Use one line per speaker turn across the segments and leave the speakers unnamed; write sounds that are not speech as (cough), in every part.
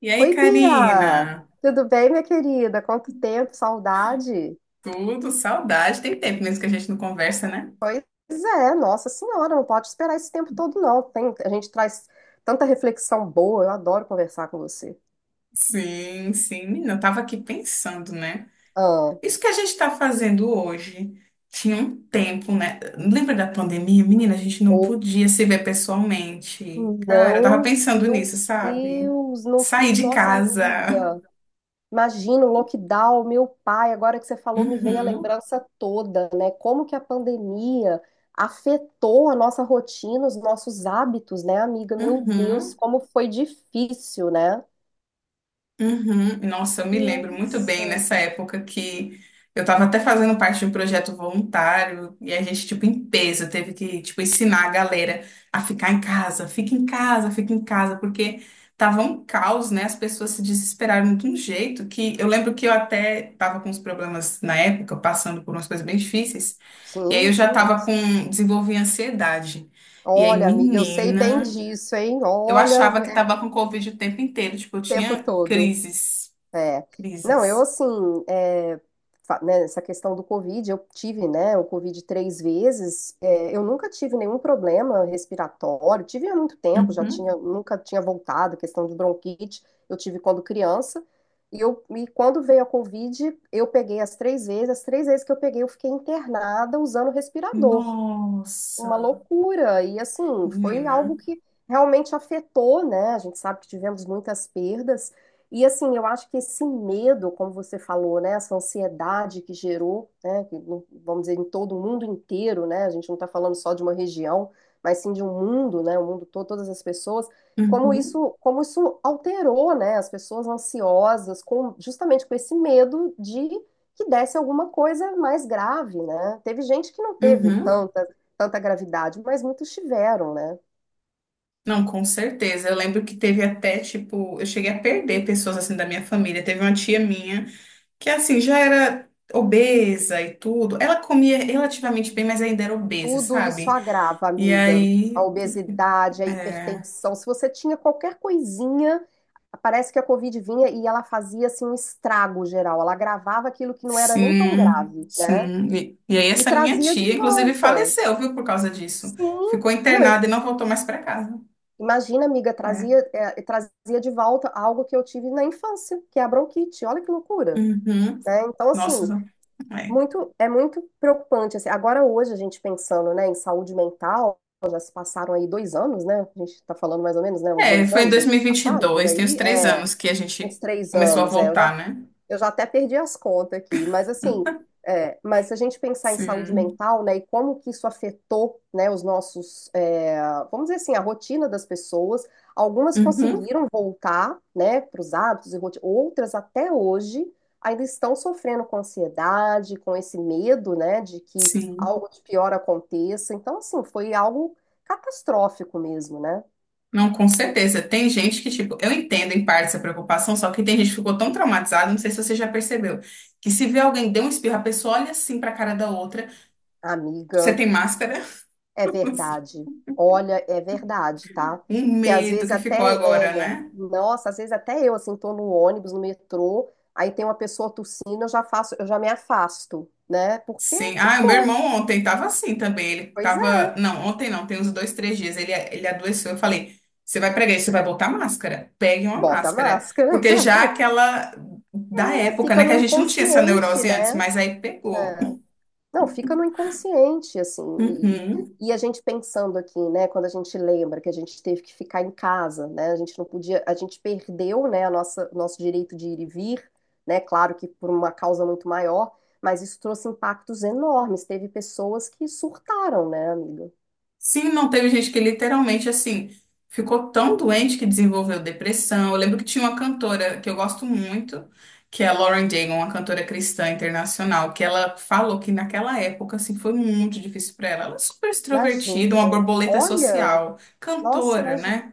E aí,
Oi, Bia!
Karina?
Tudo bem, minha querida? Quanto tempo, saudade!
Tudo, saudade. Tem tempo mesmo que a gente não conversa, né?
Pois é, nossa senhora, não pode esperar esse tempo todo, não. A gente traz tanta reflexão boa, eu adoro conversar com você.
Sim, sim. Menina, eu tava aqui pensando, né?
Ah,
Isso que a gente tá fazendo hoje tinha um tempo, né? Lembra da pandemia? Menina, a gente não
ou
podia se ver pessoalmente. Cara, eu tava
não,
pensando
meu
nisso, sabe?
Deus, não,
Sair de
nossa
casa.
amiga. Imagina o lockdown, meu pai, agora que você falou, me veio a
Uhum,
lembrança toda, né? Como que a pandemia afetou a nossa rotina, os nossos hábitos, né, amiga? Meu Deus,
uhum.
como foi difícil, né?
Uhum. Nossa, eu me lembro muito bem
Nossa.
nessa época que eu estava até fazendo parte de um projeto voluntário e a gente, tipo, em peso, teve que, tipo, ensinar a galera a ficar em casa, fica em casa, fica em casa, porque tava um caos, né? As pessoas se desesperaram de um jeito que eu lembro que eu até estava com uns problemas na época, passando por umas coisas bem difíceis, e aí eu
Sim,
já
sim, a gente...
desenvolvi ansiedade. E aí,
Olha, amiga, eu sei bem
menina,
disso, hein?
eu
Olha,
achava que
é o
estava com Covid o tempo inteiro, tipo, eu
tempo
tinha
todo.
crises.
É. Não, eu
Crises.
assim, é, né, essa questão do Covid, eu tive, né, o Covid três vezes, eu nunca tive nenhum problema respiratório, tive há muito tempo, já
Uhum.
tinha, nunca tinha voltado, questão de bronquite, eu tive quando criança, e quando veio a Covid, eu peguei as três vezes que eu peguei, eu fiquei internada usando respirador, uma
Nossa,
loucura. E assim, foi
menina.
algo que realmente afetou, né? A gente sabe que tivemos muitas perdas. E assim, eu acho que esse medo, como você falou, né? Essa ansiedade que gerou, né? Que, vamos dizer, em todo o mundo inteiro, né? A gente não está falando só de uma região, mas sim de um mundo, né? O mundo todo, todas as pessoas. Como
Uhum.
isso, como isso alterou, né? As pessoas ansiosas, justamente com esse medo de que desse alguma coisa mais grave, né? Teve gente que não teve
Uhum.
tanta gravidade, mas muitos tiveram, né?
Não, com certeza. Eu lembro que teve até, tipo, eu cheguei a perder pessoas assim da minha família. Teve uma tia minha que, assim, já era obesa e tudo. Ela comia relativamente bem, mas ainda era obesa,
Tudo isso
sabe?
agrava,
E
amiga.
aí,
A obesidade, a
é,
hipertensão. Se você tinha qualquer coisinha, parece que a Covid vinha e ela fazia assim um estrago geral. Ela agravava aquilo que não era nem tão
sim,
grave, né?
sim. E aí,
E
essa minha
trazia de
tia, inclusive,
volta.
faleceu, viu, por causa disso.
Sim,
Ficou
não, e
internada e não voltou mais pra casa.
imagina, amiga,
É.
trazia de volta algo que eu tive na infância, que é a bronquite. Olha que loucura,
Uhum.
né? Então,
Nossa,
assim,
é.
é muito preocupante, assim, agora hoje a gente pensando, né, em saúde mental, já se passaram aí 2 anos, né, a gente está falando mais ou menos, né, uns
É,
dois
foi em
anos
dois
aí,
mil e vinte e
passaram por
dois. Tem uns
aí,
três anos que a
uns
gente
três
começou a
anos, é, eu já
voltar, né?
eu já até perdi as contas aqui, mas assim, é, mas se a gente pensar em saúde
Sim.
mental, né, e como que isso afetou, né, os nossos, vamos dizer assim, a rotina das pessoas, algumas
Uhum,
conseguiram voltar, né, para os hábitos e rotina, outras até hoje ainda estão sofrendo com ansiedade, com esse medo, né, de que
sim.
algo de pior aconteça. Então, assim, foi algo catastrófico mesmo, né,
Não, com certeza. Tem gente que, tipo, eu entendo em parte essa preocupação, só que tem gente que ficou tão traumatizada, não sei se você já percebeu, que se vê alguém deu um espirro, a pessoa olha assim pra cara da outra, você
amiga?
tem máscara?
É
(laughs)
verdade. Olha, é verdade, tá?
Um
Que às
medo
vezes
que ficou
até
agora,
é,
né?
nossa, às vezes até eu assim tô no ônibus, no metrô, aí tem uma pessoa tossindo, eu já faço, eu já me afasto, né? Porque
Sim. Ah, o meu irmão
ficou.
ontem tava assim também. Ele
Pois
tava.
é.
Não, ontem não, tem uns dois, três dias. Ele adoeceu. Eu falei: você vai pregar isso, você vai botar máscara. Pegue uma
Bota a
máscara.
máscara.
Porque
(laughs)
já aquela da
É,
época,
fica
né? Que
no
a gente não tinha essa
inconsciente,
neurose antes,
né?
mas aí pegou.
É. Não, fica no inconsciente, assim, e, e-
Uhum.
e a gente pensando aqui, né, quando a gente lembra que a gente teve que ficar em casa, né, a gente não podia, a gente perdeu, né, nosso direito de ir e vir, né, claro que por uma causa muito maior, mas isso trouxe impactos enormes, teve pessoas que surtaram, né, amiga?
Sim, não teve gente que literalmente assim ficou tão doente que desenvolveu depressão. Eu lembro que tinha uma cantora que eu gosto muito, que é a Lauren Daigle, uma cantora cristã internacional, que ela falou que naquela época assim foi muito difícil para ela. Ela é super extrovertida, uma
Imagina,
borboleta
olha...
social,
Nossa,
cantora,
imagina.
né?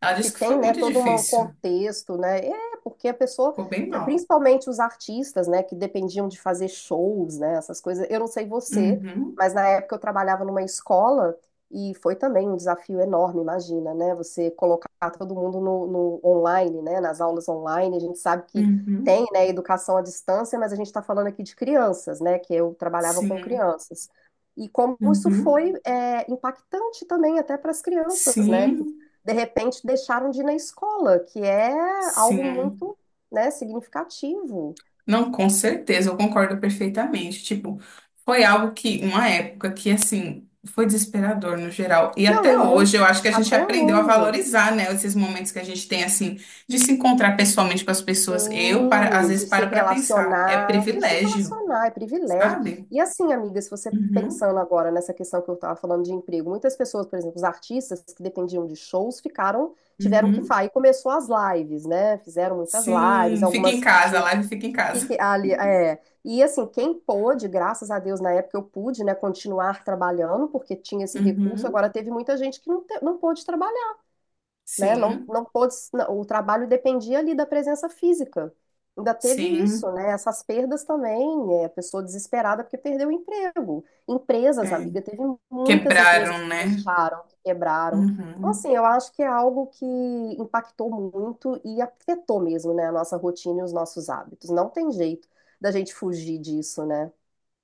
Ela
Que
disse que
tem,
foi
né,
muito
todo um
difícil,
contexto, né? É, porque a pessoa,
ficou bem mal.
principalmente os artistas, né, que dependiam de fazer shows, né, essas coisas. Eu não sei você,
Uhum,
mas na época eu trabalhava numa escola e foi também um desafio enorme, imagina, né? Você colocar todo mundo no online, né, nas aulas online. A gente sabe que
uhum,
tem, né, educação à distância, mas a gente está falando aqui de crianças, né, que eu trabalhava com
sim,
crianças. E como isso
uhum,
foi, impactante também até para as crianças, né? Que
sim,
de repente deixaram de ir na escola, que é algo
sim.
muito, né, significativo.
Não, com certeza, eu concordo perfeitamente. Tipo, foi algo que, uma época que, assim, foi desesperador no geral. E
Não,
até
e
hoje
muito
eu acho que a gente
até
aprendeu a
hoje.
valorizar, né, esses momentos que a gente tem, assim, de se encontrar pessoalmente com as pessoas. Eu, para, às
Sim,
vezes, paro para pensar, é
de se
privilégio,
relacionar, é privilégio.
sabe?
E assim, amiga, se você
Uhum,
pensando agora nessa questão que eu estava falando de emprego, muitas pessoas, por exemplo, os artistas que dependiam de shows ficaram, tiveram que
uhum.
sair, começou as lives, né? Fizeram muitas lives,
Sim, fica em
algumas que
casa, a
tinham.
live fica em
Fique
casa.
ali, é. E assim, quem pôde, graças a Deus, na época eu pude, né, continuar trabalhando, porque tinha esse recurso.
Uhum,
Agora teve muita gente que não, não pôde trabalhar, né? Não,
sim,
não pôde, não, o trabalho dependia ali da presença física. Ainda teve isso,
sim.
né? Essas perdas também, a pessoa desesperada porque perdeu o emprego. Empresas,
É.
amiga, teve muitas empresas
Quebraram,
que
né?
fecharam, que quebraram. Então,
Uhum.
assim, eu acho que é algo que impactou muito e afetou mesmo, né, a nossa rotina e os nossos hábitos. Não tem jeito da gente fugir disso, né?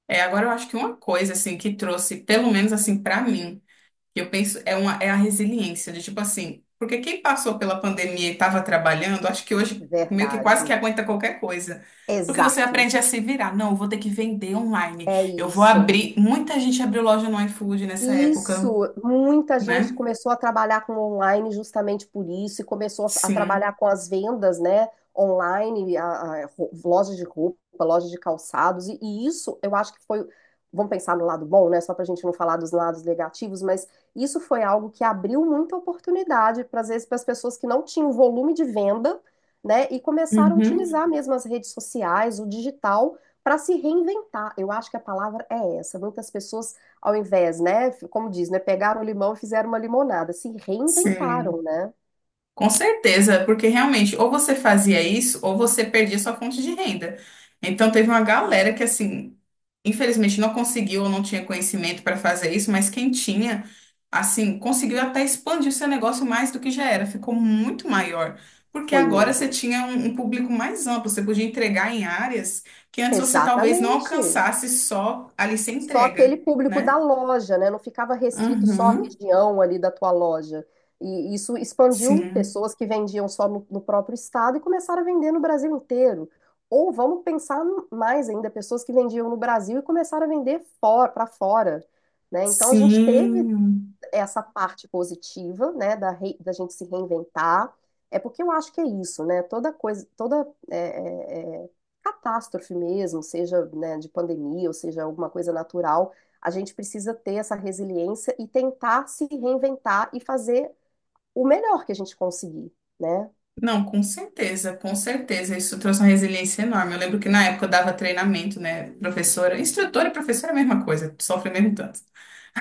É, agora eu acho que uma coisa assim que trouxe, pelo menos assim pra mim, que eu penso é uma é a resiliência de tipo assim, porque quem passou pela pandemia e estava trabalhando, acho que hoje meio que quase que
Verdade.
aguenta qualquer coisa. Porque você
Exato.
aprende a se virar. Não, eu vou ter que vender online.
É
Eu vou
isso.
abrir. Muita gente abriu loja no iFood nessa época,
Isso, muita gente
né?
começou a trabalhar com online justamente por isso e começou a trabalhar
Sim.
com as vendas, né, online, lojas de roupa, lojas de calçados, e isso eu acho que foi, vamos pensar no lado bom, né, só para a gente não falar dos lados negativos, mas isso foi algo que abriu muita oportunidade para, às vezes, para as pessoas que não tinham volume de venda, né, e começaram a
Uhum.
utilizar mesmo as redes sociais, o digital, para se reinventar. Eu acho que a palavra é essa. Muitas pessoas ao invés, né, como diz, né, pegaram o limão e fizeram uma limonada, se
Sim.
reinventaram, né?
Com certeza, porque realmente ou você fazia isso ou você perdia sua fonte de renda. Então teve uma galera que assim, infelizmente não conseguiu ou não tinha conhecimento para fazer isso, mas quem tinha, assim, conseguiu até expandir o seu negócio mais do que já era, ficou muito maior. Porque
Foi
agora você
mesmo.
tinha um público mais amplo, você podia entregar em áreas que antes você talvez não
Exatamente.
alcançasse só ali sem
Só aquele
entrega,
público da
né?
loja, né? Não ficava restrito só à
Uhum.
região ali da tua loja. E isso expandiu
Sim.
pessoas que vendiam só no próprio estado e começaram a vender no Brasil inteiro. Ou vamos pensar mais ainda, pessoas que vendiam no Brasil e começaram a vender fora, para fora, né? Então a gente teve
Sim.
essa parte positiva, né, da gente se reinventar. É porque eu acho que é isso, né? Toda coisa, toda catástrofe mesmo, seja, né, de pandemia, ou seja, alguma coisa natural, a gente precisa ter essa resiliência e tentar se reinventar e fazer o melhor que a gente conseguir, né?
Não, com certeza, com certeza. Isso trouxe uma resiliência enorme. Eu lembro que na época eu dava treinamento, né? Professora, instrutora e professora é a mesma coisa, sofre o mesmo tanto.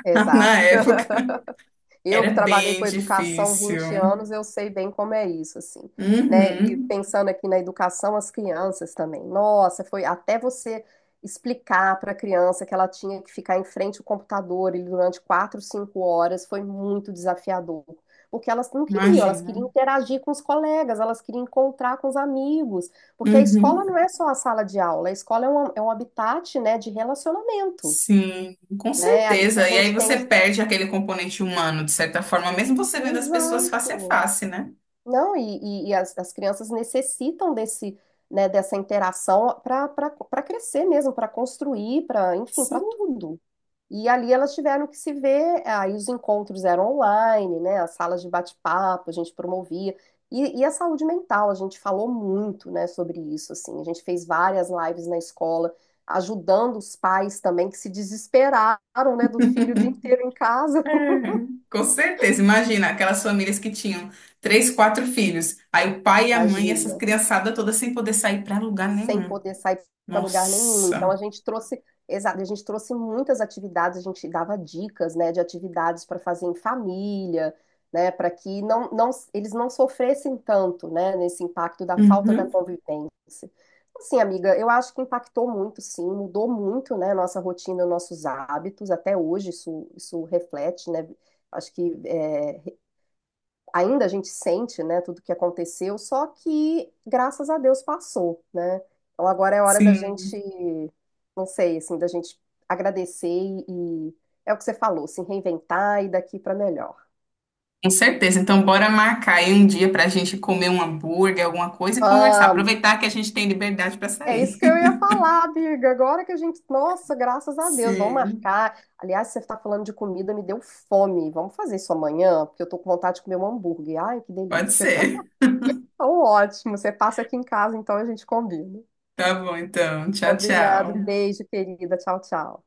(laughs) Na
Exato.
época
(laughs) Eu
era
que trabalhei
bem
com educação 20
difícil.
anos, eu sei bem como é isso, assim, né? E
Uhum,
pensando aqui na educação, as crianças também. Nossa, foi até você explicar para a criança que ela tinha que ficar em frente ao computador e durante 4, 5 horas foi muito desafiador. Porque elas não queriam, elas queriam
imagina.
interagir com os colegas, elas queriam encontrar com os amigos. Porque a escola não
Uhum,
é só a sala de aula, a escola é um habitat, né, de relacionamento,
sim, com
né? É ali que a
certeza. E aí
gente tem
você
os.
perde aquele componente humano, de certa forma, mesmo você vendo as pessoas face a
Exato.
face, né?
Não, e as crianças necessitam desse, né, dessa interação para crescer mesmo, para construir, para, enfim, para
Sim.
tudo. E ali elas tiveram que se ver, aí os encontros eram online, né, as salas de bate-papo, a gente promovia. E a saúde mental, a gente falou muito, né, sobre isso, assim. A gente fez várias lives na escola, ajudando os pais também que se desesperaram, né, do filho o dia inteiro em casa.
É,
(laughs)
com certeza, imagina aquelas famílias que tinham três, quatro filhos, aí o pai e a mãe, essas
Imagina,
criançadas todas sem poder sair para lugar
sem
nenhum.
poder sair para lugar nenhum. Então a
Nossa,
gente trouxe, exato, a gente trouxe muitas atividades, a gente dava dicas, né, de atividades para fazer em família, né, para que eles não sofressem tanto, né, nesse impacto da falta da
uhum.
convivência. Assim, amiga, eu acho que impactou muito, sim, mudou muito, né, nossa rotina, nossos hábitos, até hoje isso, reflete, né, acho que ainda a gente sente, né, tudo que aconteceu, só que graças a Deus passou, né? Então agora é hora da
Sim,
gente, não sei, assim, da gente agradecer e é o que você falou, se reinventar e daqui para melhor.
com certeza. Então, bora marcar aí um dia para a gente comer um hambúrguer, alguma coisa e conversar.
Vamos!
Aproveitar que a gente tem liberdade para
É isso
sair.
que eu
(laughs)
ia falar, Birga. Agora que a gente, nossa, graças a Deus, vamos
Sim,
marcar. Aliás, você está falando de comida, me deu fome. Vamos fazer isso amanhã, porque eu tô com vontade de comer um hambúrguer. Ai, que
pode
delícia.
ser.
(laughs) Então, ótimo. Você passa aqui em casa, então a gente combina.
Tá bom, então. Tchau,
Combinado.
tchau.
Beijo, querida. Tchau, tchau.